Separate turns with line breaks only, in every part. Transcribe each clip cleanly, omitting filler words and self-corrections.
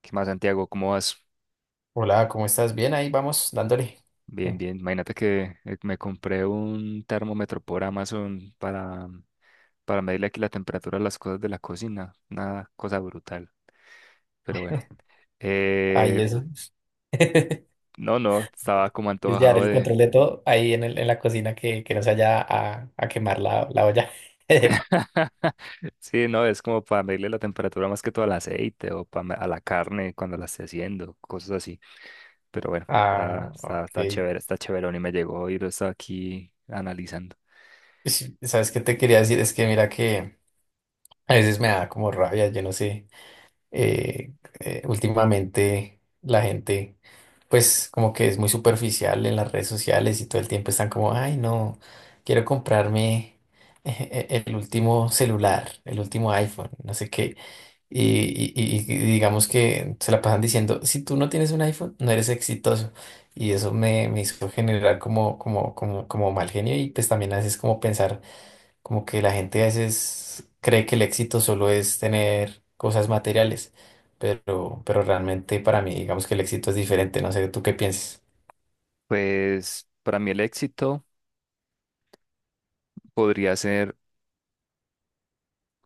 ¿Qué más, Santiago? ¿Cómo vas?
Hola, ¿cómo estás? Bien, ahí vamos dándole.
Bien,
Eh,
bien. Imagínate que me compré un termómetro por Amazon para medirle aquí la temperatura a las cosas de la cocina. Una cosa brutal. Pero bueno.
Ahí
Eh,
eso. Es
no, no, estaba como
llevar
antojado
el
de...
control de todo ahí en la cocina que no se vaya a quemar la olla.
Sí, no, es como para medirle la temperatura más que todo al aceite o para, a la carne cuando la esté haciendo, cosas así. Pero bueno,
Ah,
está
ok.
chévere, está chéverón y me llegó y lo estaba aquí analizando.
Sí, ¿sabes qué te quería decir? Es que mira que a veces me da como rabia, yo no sé. eh, Últimamente la gente pues como que es muy superficial en las redes sociales y todo el tiempo están como, ay, no, quiero comprarme, el último celular, el último iPhone, no sé qué. Y digamos que se la pasan diciendo, si tú no tienes un iPhone, no eres exitoso. Y eso me hizo generar como mal genio, y pues también a veces como pensar. Como que la gente a veces cree que el éxito solo es tener cosas materiales, pero realmente para mí, digamos que el éxito es diferente. No sé, ¿tú qué piensas?
Pues para mí el éxito podría ser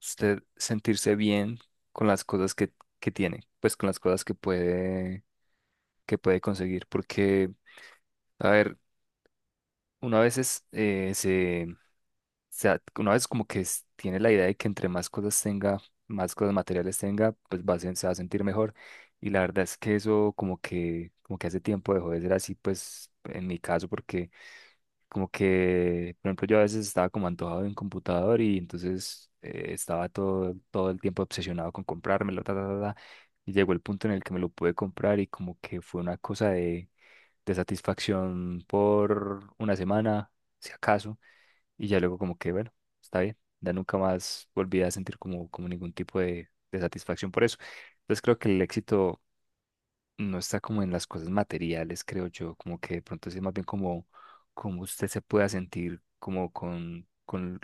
usted sentirse bien con las cosas que tiene, pues con las cosas que puede conseguir. Porque, a ver, una vez es, una vez como que tiene la idea de que entre más cosas tenga, más cosas materiales tenga, pues va a, se va a sentir mejor. Y la verdad es que eso como que hace tiempo dejó de ser así, pues en mi caso, porque como que, por ejemplo, yo a veces estaba como antojado de un computador y entonces estaba todo el tiempo obsesionado con comprármelo, ta, ta, ta, ta. Y llegó el punto en el que me lo pude comprar y como que fue una cosa de satisfacción por una semana, si acaso. Y ya luego como que, bueno, está bien. Ya nunca más volví a sentir como, como ningún tipo de satisfacción por eso. Entonces creo que el éxito no está como en las cosas materiales, creo yo, como que de pronto sí es más bien como, como usted se pueda sentir como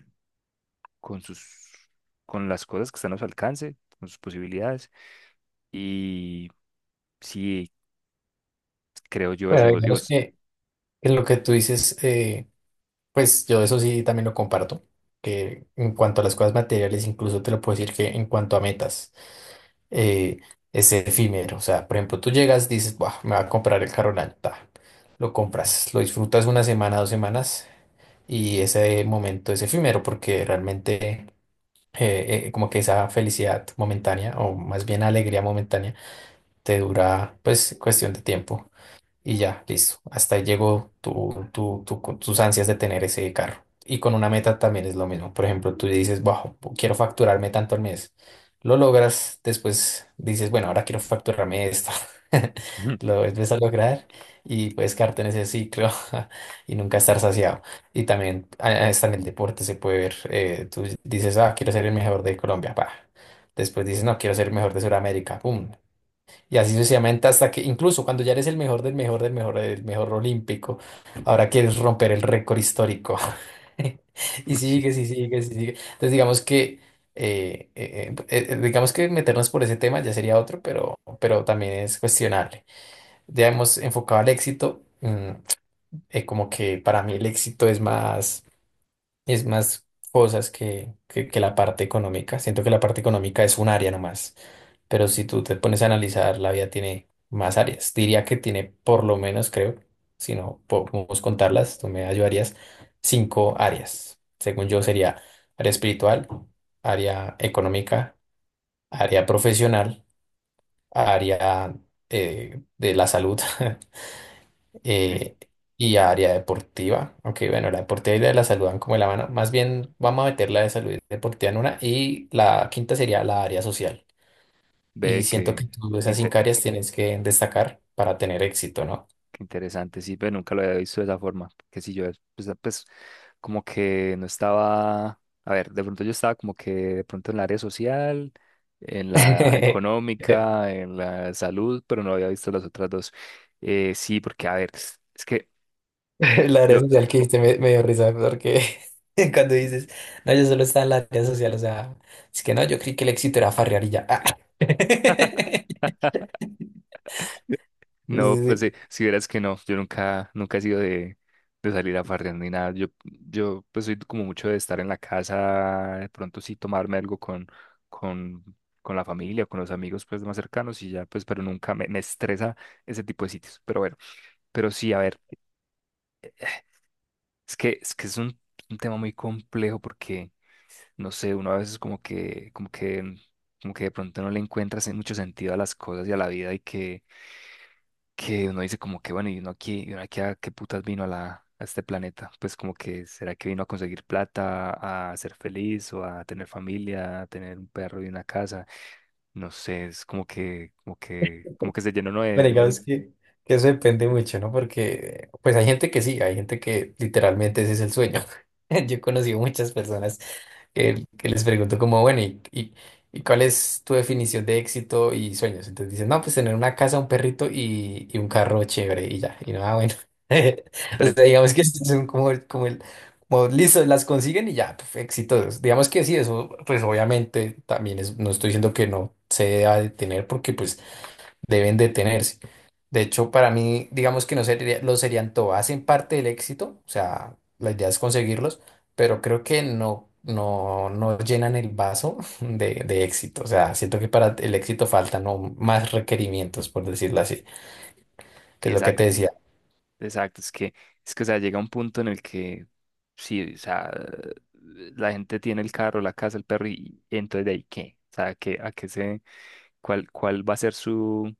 con sus, con las cosas que están a su alcance, con sus posibilidades. Y sí, creo yo eso. Y
Bueno,
vos, y
digamos
vos,
que en lo que tú dices, pues yo eso sí también lo comparto, que en cuanto a las cosas materiales, incluso te lo puedo decir que en cuanto a metas, eh, es efímero. O sea, por ejemplo, tú llegas, dices, "Buah, me va a comprar el carro del año", ta, lo compras, lo disfrutas una semana, dos semanas, y ese momento es efímero porque realmente como que esa felicidad momentánea, o más bien alegría momentánea, te dura pues cuestión de tiempo. Y ya, listo. Hasta ahí llegó con tus ansias de tener ese carro. Y con una meta también es lo mismo. Por ejemplo, tú dices, wow, quiero facturarme tanto al mes. Lo logras, después dices, bueno, ahora quiero facturarme esto.
ujú.
Lo vuelves a lograr y puedes quedarte en ese ciclo y nunca estar saciado. Y también hasta en el deporte se puede ver. Tú dices, ah, quiero ser el mejor de Colombia. Pa. Después dices, no, quiero ser el mejor de Sudamérica. Pum. Y así sucesivamente, hasta que incluso cuando ya eres el mejor del mejor del mejor del mejor olímpico, ahora quieres romper el récord histórico. Y sigue
Sí,
y sigue y sigue. Entonces digamos que meternos por ese tema ya sería otro, pero también es cuestionable. Ya hemos enfocado al éxito. Como que para mí el éxito es más, es más cosas que la parte económica. Siento que la parte económica es un área nomás, pero si tú te pones a analizar, la vida tiene más áreas. Diría que tiene por lo menos, creo, si no podemos contarlas, tú me ayudarías, 5 áreas. Según yo sería área espiritual, área económica, área profesional, área de la salud,
sí.
eh, y área deportiva. Aunque bueno, la deportiva y la de la salud van como de la mano. Más bien vamos a meter la de salud y deportiva en una, y la quinta sería la área social. Y
Ve
siento que
que,
tú esas cinco
inte-
áreas tienes que destacar para tener éxito, ¿no?
qué interesante, sí, pero nunca lo había visto de esa forma. Que si yo, pues, pues, como que no estaba, a ver, de pronto yo estaba como que de pronto en la área social, en la económica, en la salud, pero no había visto las otras dos. Sí, porque, a ver, es que
La área
yo,
social que dijiste me, me dio risa, porque cuando dices, no, yo solo estaba en la área social, o sea, es que no, yo creí que el éxito era farrear y ya. Ah. Sí,
no,
sí,
pues
sí.
si verás que no, yo nunca, nunca he sido de salir a farrear ni nada. Yo pues soy como mucho de estar en la casa, de pronto sí tomarme algo con, con la familia, con los amigos pues más cercanos y ya, pues, pero nunca me, me estresa ese tipo de sitios. Pero bueno, pero sí, a ver, es que es un tema muy complejo porque, no sé, uno a veces como que, como que, como que de pronto no le encuentras mucho sentido a las cosas y a la vida y que uno dice como que bueno, y uno aquí a qué putas vino a la, a este planeta, pues como que será que vino a conseguir plata, a ser feliz o a tener familia, a tener un perro y una casa, no sé, es como que, como que, como que se llenó uno
Bueno,
de un
digamos
montón,
que eso depende mucho, ¿no? Porque pues hay gente que sí, hay gente que literalmente ese es el sueño. Yo he conocido muchas personas que les pregunto como, bueno, ¿ y cuál es tu definición de éxito y sueños? Entonces dicen, no, pues tener una casa, un perrito y un carro chévere y ya. Y no, ah, bueno. O
pero.
sea, digamos que son como, como como listo, las consiguen y ya, puf, exitosos. Digamos que sí, eso pues obviamente también es, no estoy diciendo que no se deba de tener, porque pues deben detenerse, de hecho, para mí, digamos que no sería, lo serían todo. Hacen parte del éxito, o sea, la idea es conseguirlos, pero creo que no llenan el vaso de éxito. O sea, siento que para el éxito faltan no más requerimientos, por decirlo así, que es lo que te decía.
Exacto, es que, o sea, llega un punto en el que, sí, o sea, la gente tiene el carro, la casa, el perro, y entonces de ahí qué, o sea, qué cuál, cuál va a ser su,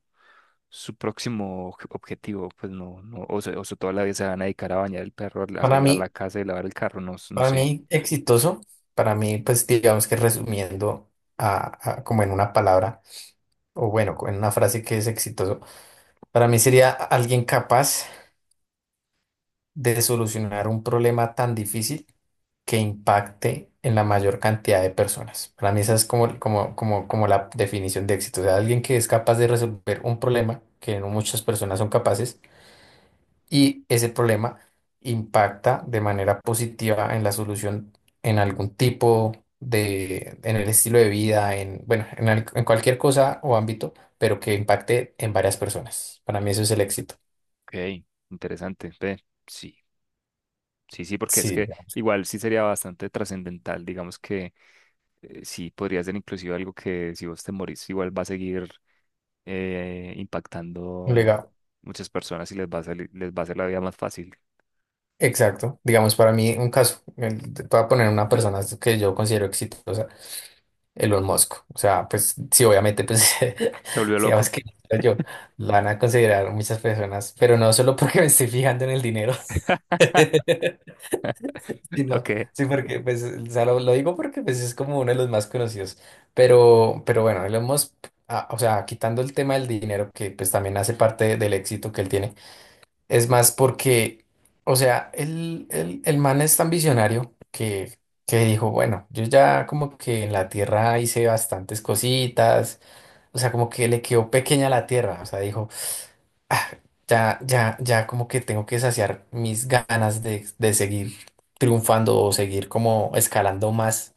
su próximo objetivo, pues no, no, o sea, toda la vida se van a dedicar a bañar el perro, a
Para
arreglar la
mí,
casa y lavar el carro, no, no sé.
exitoso, para mí, pues digamos que resumiendo como en una palabra, o bueno, en una frase, que es exitoso, para mí sería alguien capaz de solucionar un problema tan difícil que impacte en la mayor cantidad de personas. Para mí esa es como la definición de éxito. O sea, alguien que es capaz de resolver un problema que no muchas personas son capaces, y ese problema impacta de manera positiva en la solución, en algún tipo de, en el estilo de vida, en, bueno, en, en cualquier cosa o ámbito, pero que impacte en varias personas. Para mí eso es el éxito.
Ok, interesante, ve, sí. Sí, sí, porque es
Sí,
que igual sí sería bastante trascendental, digamos que sí podría ser inclusive algo que si vos te morís igual va a seguir
un
impactando
legado.
muchas personas y les va a hacer la vida más fácil.
Exacto. Digamos, para mí, un caso, te voy a poner una persona que yo considero exitosa, Elon Musk. O sea, pues sí, obviamente, pues,
Se volvió
digamos
loco.
que yo, lo van a considerar muchas personas, pero no solo porque me estoy fijando en el dinero, sino,
Ok.
sí, porque, pues, o sea, lo digo porque, pues, es como uno de los más conocidos. Pero bueno, Elon Musk, ah, o sea, quitando el tema del dinero, que, pues, también hace parte del éxito que él tiene. Es más porque, o sea, el man es tan visionario que dijo, bueno, yo ya como que en la Tierra hice bastantes cositas, o sea, como que le quedó pequeña la Tierra, o sea, dijo, "Ah, ya como que tengo que saciar mis ganas de seguir triunfando, o seguir como escalando más.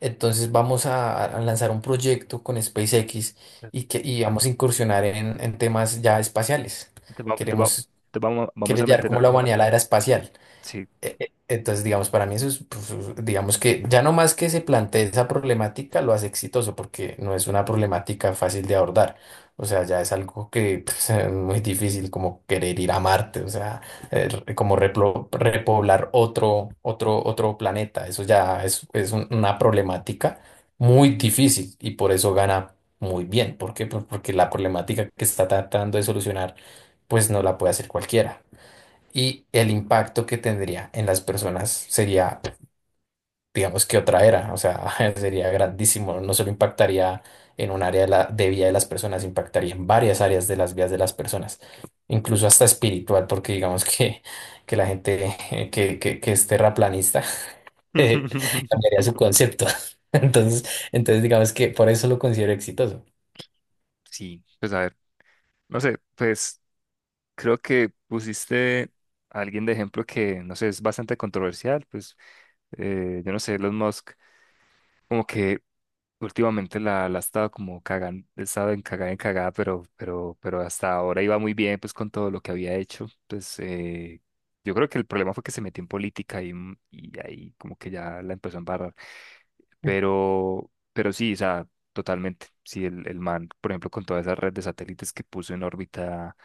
Entonces vamos a lanzar un proyecto con SpaceX y vamos a incursionar en temas ya espaciales.
Te va- te va-
Queremos
te vamos, vamos
Quiere
a
llevar como
meter.
la humanidad a la era espacial.
Sí.
Entonces, digamos, para mí eso es, pues, digamos que ya no más que se plantee esa problemática, lo hace exitoso, porque no es una problemática fácil de abordar. O sea, ya es algo que pues, es muy difícil, como querer ir a Marte, o sea, como repoblar otro planeta. Eso ya es una problemática muy difícil, y por eso gana muy bien. ¿Por qué? Pues porque la problemática que está tratando de solucionar pues no la puede hacer cualquiera, y el impacto que tendría en las personas sería, digamos que otra era, o sea, sería grandísimo, no solo impactaría en un área de vida de las personas, impactaría en varias áreas de las vidas de las personas, incluso hasta espiritual, porque digamos que la gente que es terraplanista, eh, cambiaría su concepto. Entonces, entonces, digamos que por eso lo considero exitoso.
Sí, pues a ver. No sé, pues creo que pusiste a alguien de ejemplo que, no sé, es bastante controversial. Pues yo no sé, Elon Musk, como que últimamente la, la ha estado como cagando, estado en cagada, pero hasta ahora iba muy bien pues con todo lo que había hecho. Pues yo creo que el problema fue que se metió en política y, y ahí como que ya la empezó a embarrar. Pero sí, o sea, totalmente. Sí, el man, por ejemplo, con toda esa red de satélites que puso en órbita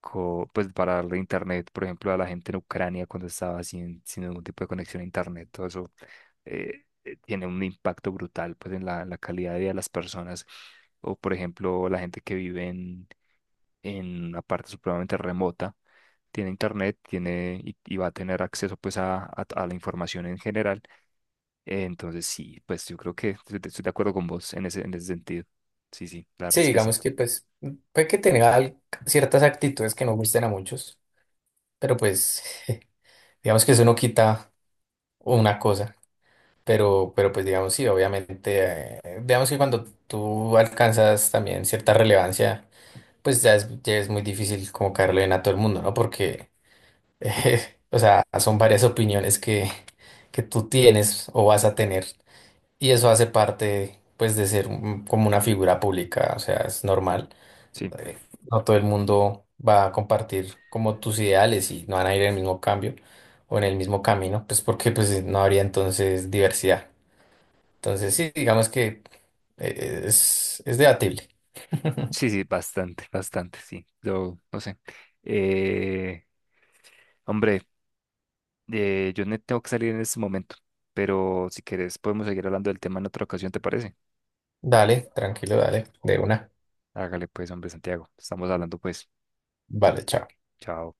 pues para darle internet, por ejemplo, a la gente en Ucrania cuando estaba sin, sin ningún tipo de conexión a internet, todo eso tiene un impacto brutal pues en la, la calidad de vida de las personas. O por ejemplo, la gente que vive en una parte supremamente remota, tiene internet, tiene y va a tener acceso pues a, a la información en general. Entonces sí, pues yo creo que estoy de acuerdo con vos en ese sentido. Sí, sí, la verdad
Sí,
es que sí.
digamos que pues puede que tenga ciertas actitudes que no gusten a muchos, pero pues... Digamos que eso no quita una cosa, pero pues digamos sí, obviamente, digamos que cuando tú alcanzas también cierta relevancia, pues ya es muy difícil como caerle bien a todo el mundo, ¿no? Porque, o sea, son varias opiniones que tú tienes o vas a tener, y eso hace parte, pues, de ser como una figura pública, o sea, es normal.
Sí,
eh, no todo el mundo va a compartir como tus ideales, y no van a ir en el mismo cambio o en el mismo camino, pues porque pues no habría entonces diversidad. Entonces sí, digamos que es debatible.
sí, sí, bastante, bastante, sí. Yo no sé. Eh, hombre. Yo no tengo que salir en este momento, pero si querés podemos seguir hablando del tema en otra ocasión, ¿te parece?
Dale, tranquilo, dale, de una.
Hágale pues, hombre Santiago. Estamos hablando pues. Que-
Vale, chao.
chao.